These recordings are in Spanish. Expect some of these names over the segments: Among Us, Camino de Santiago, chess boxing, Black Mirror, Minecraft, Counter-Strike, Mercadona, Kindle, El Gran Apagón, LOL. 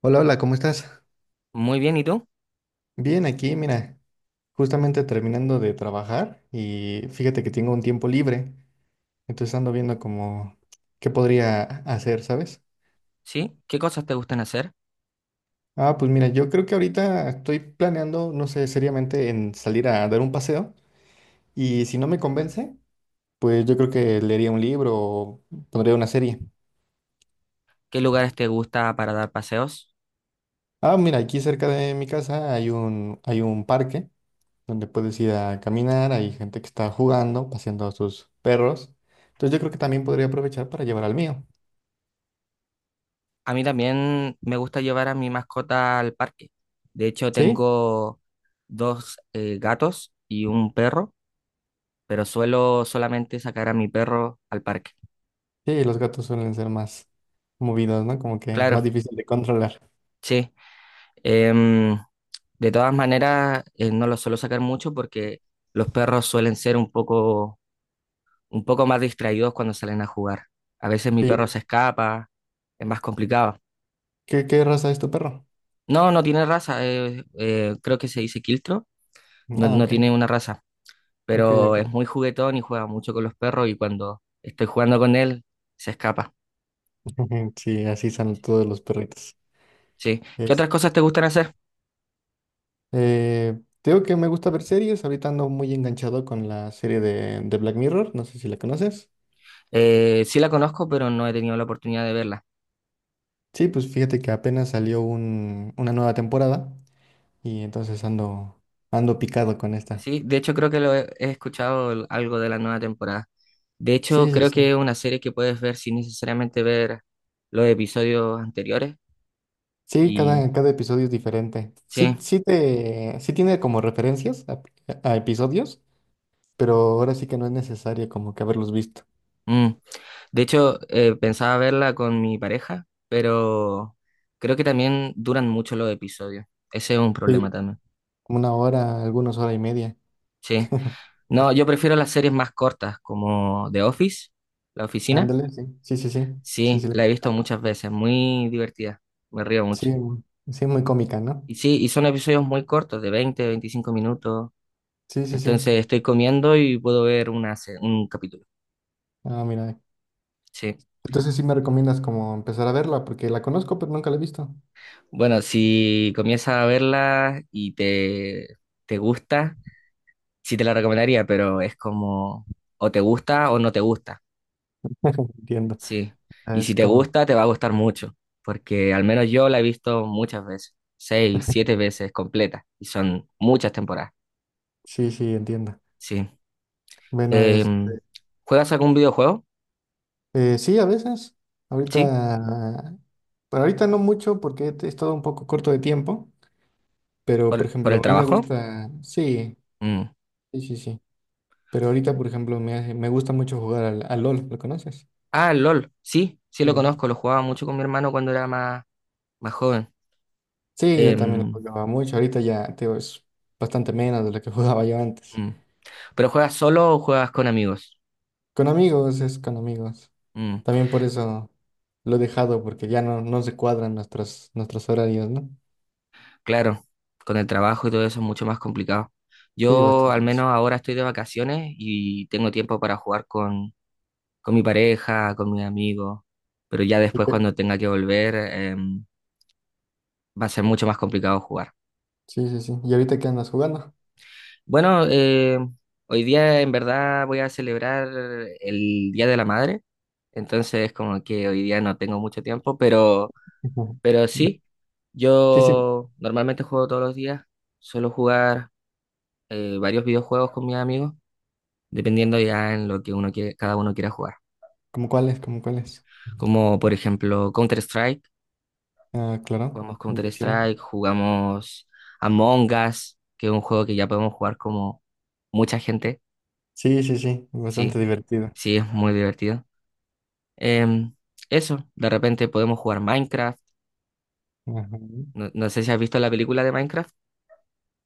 Hola, hola, ¿cómo estás? Muy bien, ¿y tú? Bien, aquí, mira, justamente terminando de trabajar y fíjate que tengo un tiempo libre, entonces ando viendo como qué podría hacer, ¿sabes? ¿Sí? ¿Qué cosas te gustan hacer? Ah, pues mira, yo creo que ahorita estoy planeando, no sé, seriamente en salir a dar un paseo y si no me convence, pues yo creo que leería un libro o pondría una serie. ¿Qué lugares te gusta para dar paseos? Ah, mira, aquí cerca de mi casa hay hay un parque, donde puedes ir a caminar, hay gente que está jugando, paseando a sus perros. Entonces yo creo que también podría aprovechar para llevar al mío. A mí también me gusta llevar a mi mascota al parque. De hecho, ¿Sí? tengo dos gatos y un perro, pero suelo solamente sacar a mi perro al parque. Sí, los gatos suelen ser más movidos, ¿no? Como que más Claro, difícil de controlar. sí. Em, de todas maneras, no los suelo sacar mucho porque los perros suelen ser un poco más distraídos cuando salen a jugar. A veces mi perro Sí. se escapa, es más complicado. ¿Qué raza es tu perro? No, no tiene raza, creo que se dice quiltro, no, Ah, no ok. tiene una raza, Ok, pero es ok. muy juguetón y juega mucho con los perros y cuando estoy jugando con él se escapa. Sí, así son todos los perritos. Sí. ¿Qué Es. otras cosas te gustan hacer? Te digo que me gusta ver series. Ahorita ando muy enganchado con la serie de Black Mirror. No sé si la conoces. Sí la conozco, pero no he tenido la oportunidad de verla. Sí, pues fíjate que apenas salió una nueva temporada. Y entonces ando picado con esta. Sí, de hecho creo que lo he escuchado algo de la nueva temporada. De hecho, Sí, sí, creo que sí. es una serie que puedes ver sin necesariamente ver los episodios anteriores. Sí, Y cada episodio es diferente. sí. Sí, sí tiene como referencias a episodios, pero ahora sí que no es necesario como que haberlos visto. Mm. De hecho, pensaba verla con mi pareja, pero creo que también duran mucho los episodios. Ese es un problema Sí, también. como una hora, algunos hora y media. Sí. No, yo prefiero las series más cortas, como The Office, La Oficina. Ándale, sí, sí, sí, sí. Sí, Sí, sí, le la he visto conozco. muchas veces, muy divertida. Me río mucho. Sí, sí, muy cómica, ¿no? Y sí, y son episodios muy cortos, de 20, 25 minutos. Sí, sí, sí. Entonces estoy comiendo y puedo ver un capítulo. Ah, mira. Sí. Entonces sí me recomiendas como empezar a verla, porque la conozco, pero nunca la he visto. Bueno, si comienzas a verla y te gusta. Sí te la recomendaría, pero es como o te gusta o no te gusta, Entiendo. sí. Ah, Y es si te como, gusta, te va a gustar mucho, porque al menos yo la he visto muchas veces, seis, siete veces completa, y son muchas temporadas, sí, sí, entiendo. sí. Bueno, es Em, ¿Juegas algún videojuego? Sí, a veces. Sí, Ahorita, pero ahorita no mucho porque he estado un poco corto de tiempo, pero por por el ejemplo, a mí me trabajo. gusta, sí, Mm. sí, sí, sí. Pero ahorita, por ejemplo, me gusta mucho jugar al LOL, ¿lo conoces? Ah, el LOL, sí, sí Sí. lo conozco, lo jugaba mucho con mi hermano cuando era más joven. Sí, yo también lo Em, jugaba mucho. Ahorita ya, te digo, es bastante menos de lo que jugaba yo antes. mm. ¿Pero juegas solo o juegas con amigos? Con amigos, es con amigos. Mm. También por eso lo he dejado, porque no se cuadran nuestros horarios, ¿no? Claro, con el trabajo y todo eso es mucho más complicado. Sí, Yo bastante al menos más. ahora estoy de vacaciones y tengo tiempo para jugar con mi pareja, con mis amigos, pero ya ¿Y después qué? cuando tenga que volver va a ser mucho más complicado jugar. Sí, sí, sí. ¿Y ahorita qué andas jugando? Bueno, hoy día en verdad voy a celebrar el Día de la Madre, entonces como que hoy día no tengo mucho tiempo, pero, Ujú. pero sí, Sí, sí, yo normalmente juego todos los días, suelo jugar varios videojuegos con mis amigos, dependiendo ya en lo que uno quiere, cada uno quiera jugar. Como cuáles. Como por ejemplo Ah, claro, buenísimo. Counter-Strike, jugamos Among Us, que es un juego que ya podemos jugar como mucha gente, Sí, sí, sí, bastante sí, divertido. sí, es muy divertido. Em, Eso, de repente podemos jugar Minecraft. Ajá. No, no sé si has visto la película de Minecraft,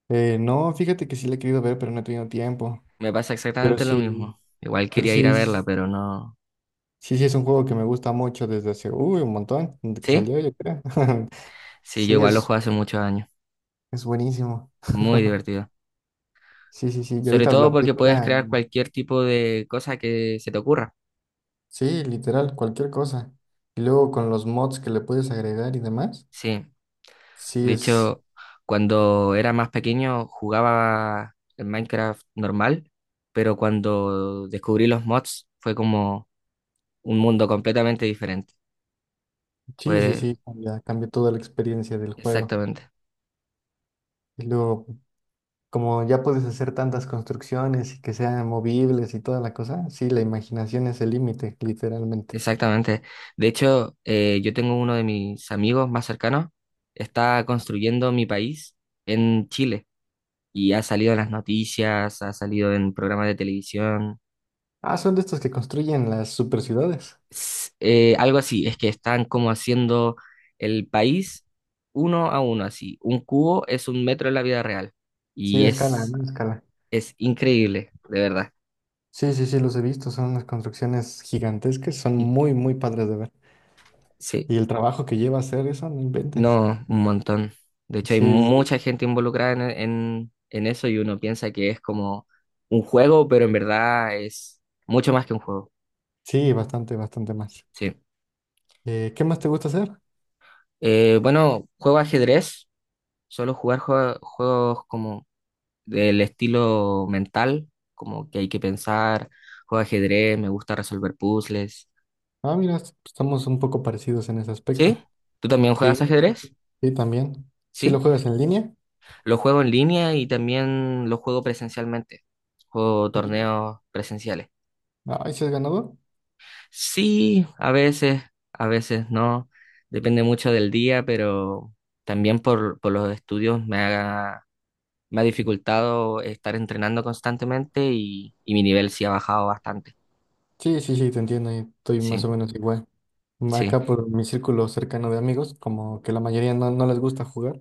No, fíjate que sí le he querido ver, pero no he tenido tiempo. me pasa Pero exactamente lo sí, mismo. Igual pero quería ir sí a verla, es, pero no. sí, sí es un juego que me gusta mucho desde hace, uy, un montón, desde que ¿Sí? salió, yo creo. Sí, yo Sí, igual lo juego hace muchos años. es buenísimo. Muy divertido. Sí, sí, sí. Y Sobre ahorita todo la porque puedes película, crear cualquier tipo de cosa que se te ocurra. sí, literal, cualquier cosa. Y luego con los mods que le puedes agregar y demás, Sí, sí de es. hecho, cuando era más pequeño jugaba el Minecraft normal, pero cuando descubrí los mods fue como un mundo completamente diferente. Sí, sí, Pues sí, cambia toda la experiencia del juego. exactamente, Y luego, como ya puedes hacer tantas construcciones y que sean movibles y toda la cosa, sí, la imaginación es el límite, literalmente. exactamente. De hecho, yo tengo uno de mis amigos más cercanos, está construyendo mi país en Chile y ha salido en las noticias, ha salido en programas de televisión. Ah, son de estos que construyen las super ciudades. Algo así, es que están como haciendo el país uno a uno, así. Un cubo es un metro en la vida real Sí, y a escala, es, ¿no? A escala. es increíble, de verdad. Sí, sí, sí, los he visto, son unas construcciones gigantescas, son Y- muy, muy padres de ver. sí, Y el trabajo que lleva hacer eso, no inventes. no, un montón. De hecho, hay Sí, mucha gente involucrada en eso y uno piensa que es como un juego, pero en verdad es mucho más que un juego. sí, bastante, bastante más. Sí. ¿Qué más te gusta hacer? Bueno, juego ajedrez, solo jugar juegos como del estilo mental, como que hay que pensar, juego ajedrez, me gusta resolver puzzles. Ah, mira, estamos un poco parecidos en ese ¿Sí? aspecto. ¿Tú también juegas Sí, sí, ajedrez? sí, también. ¿Sí lo ¿Sí? juegas en línea? Lo juego en línea y también lo juego presencialmente. Juego torneos presenciales. Ay, ¿sí has ganado? Sí, a veces no. Depende mucho del día, pero también por los estudios me ha dificultado estar entrenando constantemente y mi nivel sí ha bajado bastante. Sí, sí, sí, te entiendo y estoy más Sí, o menos igual. sí. Acá por mi círculo cercano de amigos, como que la mayoría no les gusta jugar,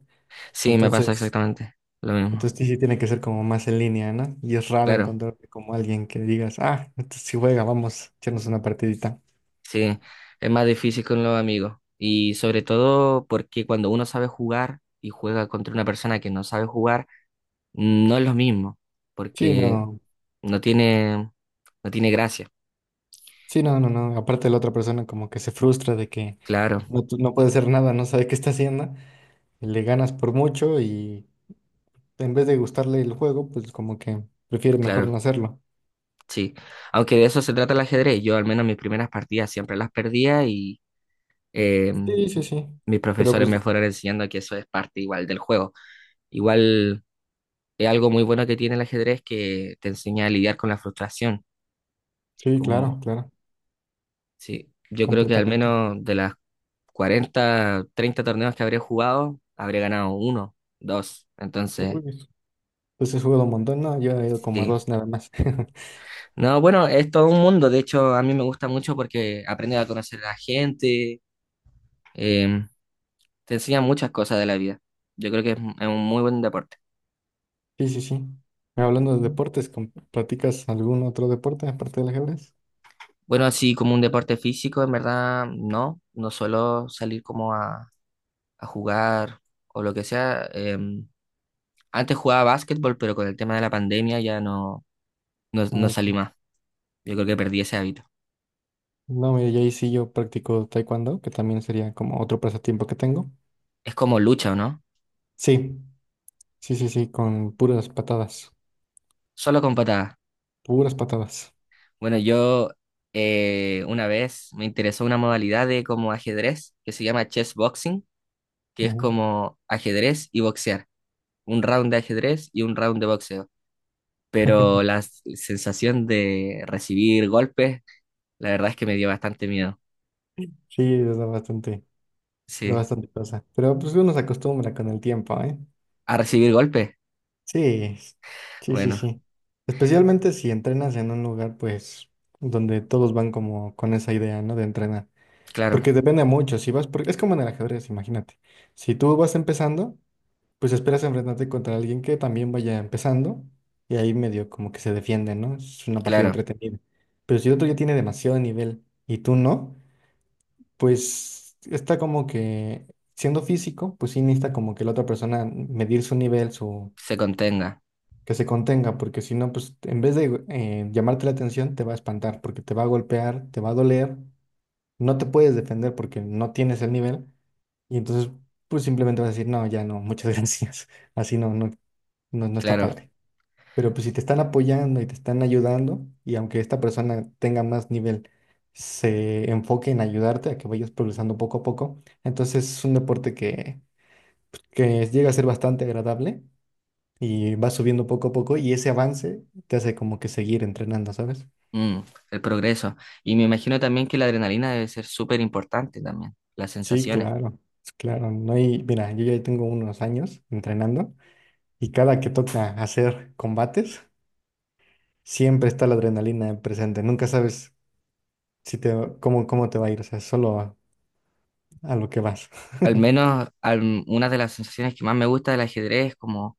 Sí, me pasa entonces, exactamente lo mismo. entonces sí, sí tiene que ser como más en línea, ¿no? Y es raro Claro, encontrarte como alguien que digas, ah, entonces sí juega, vamos a echarnos una partidita. sí, es más difícil con los amigos. Y sobre todo porque cuando uno sabe jugar y juega contra una persona que no sabe jugar, no es lo mismo, Sí, porque no, no tiene, no tiene gracia. sí, no, no, no. Aparte la otra persona como que se frustra de que Claro, no puede hacer nada, no sabe qué está haciendo, le ganas por mucho y en vez de gustarle el juego, pues como que prefiere mejor no claro, hacerlo. sí. Aunque de eso se trata el ajedrez. Yo al menos mis primeras partidas siempre las perdía y eh, Sí, sí, sí. mis Pero profesores pues, me fueron enseñando que eso es parte igual del juego. Igual es algo muy bueno que tiene el ajedrez que te enseña a lidiar con la frustración. sí, Como, claro, claro, sí, yo creo que al completamente. menos de las 40 30 torneos que habré jugado, habré ganado uno, dos. Entonces, Uy, pues he jugado un montón, ¿no? Yo he ido como a sí. dos nada más. No, bueno, es todo un mundo. De hecho, a mí me gusta mucho porque aprendes a conocer a la gente, eh, te enseña muchas cosas de la vida. Yo creo que es un muy buen deporte. Sí, sí, sí. Hablando de deportes, ¿practicas algún otro deporte aparte del ajedrez? Bueno, así como un deporte físico, en verdad, no. No suelo salir como a jugar o lo que sea. Antes jugaba básquetbol, pero con el tema de la pandemia ya no, Ah, no salí ok. más. Yo creo que perdí ese hábito. No, mira, y ahí sí yo practico taekwondo, que también sería como otro pasatiempo que tengo. Es como lucha, ¿o no? Sí, sí, sí, sí, con puras patadas, Solo con patadas. puras patadas. Bueno, yo una vez me interesó una modalidad de como ajedrez que se llama chess boxing, que es Ujú. como ajedrez y boxear. Un round de ajedrez y un round de boxeo. Pero la sensación de recibir golpes, la verdad es que me dio bastante miedo. Sí, es bastante de Sí. bastante cosa. Pero pues uno se acostumbra con el tiempo, ¿eh? ¿A recibir golpes? Sí, sí, sí, Bueno, sí. Especialmente si entrenas en un lugar, pues, donde todos van como con esa idea, ¿no? De entrenar. claro, Porque depende mucho, si vas, por... es como en el ajedrez, imagínate. Si tú vas empezando, pues esperas enfrentarte contra alguien que también vaya empezando y ahí medio como que se defiende, ¿no? Es una partida claro. entretenida. Pero si otro ya tiene demasiado nivel y tú no, pues está como que siendo físico, pues sí necesita como que la otra persona medir su nivel, su Se contenga. que se contenga, porque si no, pues en vez de llamarte la atención, te va a espantar, porque te va a golpear, te va a doler, no te puedes defender porque no tienes el nivel, y entonces pues simplemente vas a decir, no, ya no, muchas gracias, así no, no, no, no está Claro. padre. Pero pues si te están apoyando y te están ayudando, y aunque esta persona tenga más nivel, se enfoque en ayudarte a que vayas progresando poco a poco, entonces es un deporte que llega a ser bastante agradable y va subiendo poco a poco y ese avance te hace como que seguir entrenando, ¿sabes? Mm, el progreso. Y me imagino también que la adrenalina debe ser súper importante también, las Sí, sensaciones. claro, claro. No hay, mira, yo ya tengo unos años entrenando y cada que toca hacer combates, siempre está la adrenalina presente. Nunca sabes si te, cómo, cómo te va a ir. O sea, solo a lo que vas. Al menos una de las sensaciones que más me gusta del ajedrez es como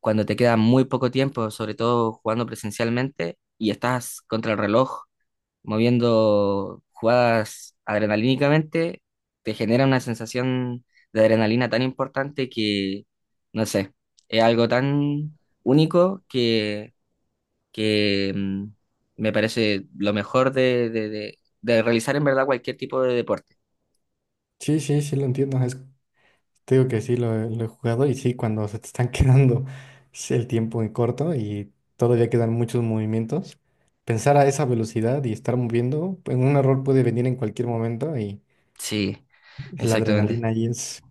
cuando te queda muy poco tiempo, sobre todo jugando presencialmente y estás contra el reloj moviendo jugadas adrenalínicamente, te genera una sensación de adrenalina tan importante que, no sé, es algo tan único que me parece lo mejor de realizar en verdad cualquier tipo de deporte. Sí, sí, sí lo entiendo. Te digo que lo he jugado y sí, cuando se te están quedando el tiempo en corto y todavía quedan muchos movimientos, pensar a esa velocidad y estar moviendo, pues, un error puede venir en cualquier momento y Sí, la exactamente. adrenalina ahí es,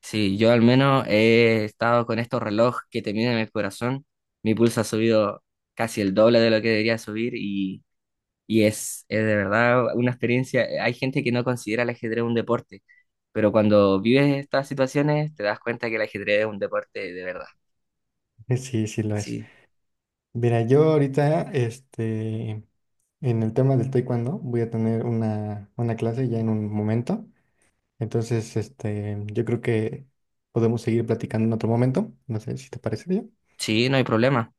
Sí, yo al menos he estado con estos relojes que te miden el corazón. Mi pulso ha subido casi el doble de lo que debería subir y es de verdad una experiencia. Hay gente que no considera el ajedrez un deporte, pero cuando vives estas situaciones te das cuenta que el ajedrez es un deporte de verdad. Sí, sí lo es. Sí, Mira, yo ahorita, este, en el tema del taekwondo, voy a tener una clase ya en un momento. Entonces, este, yo creo que podemos seguir platicando en otro momento. No sé si te parece bien. sí, no hay problema.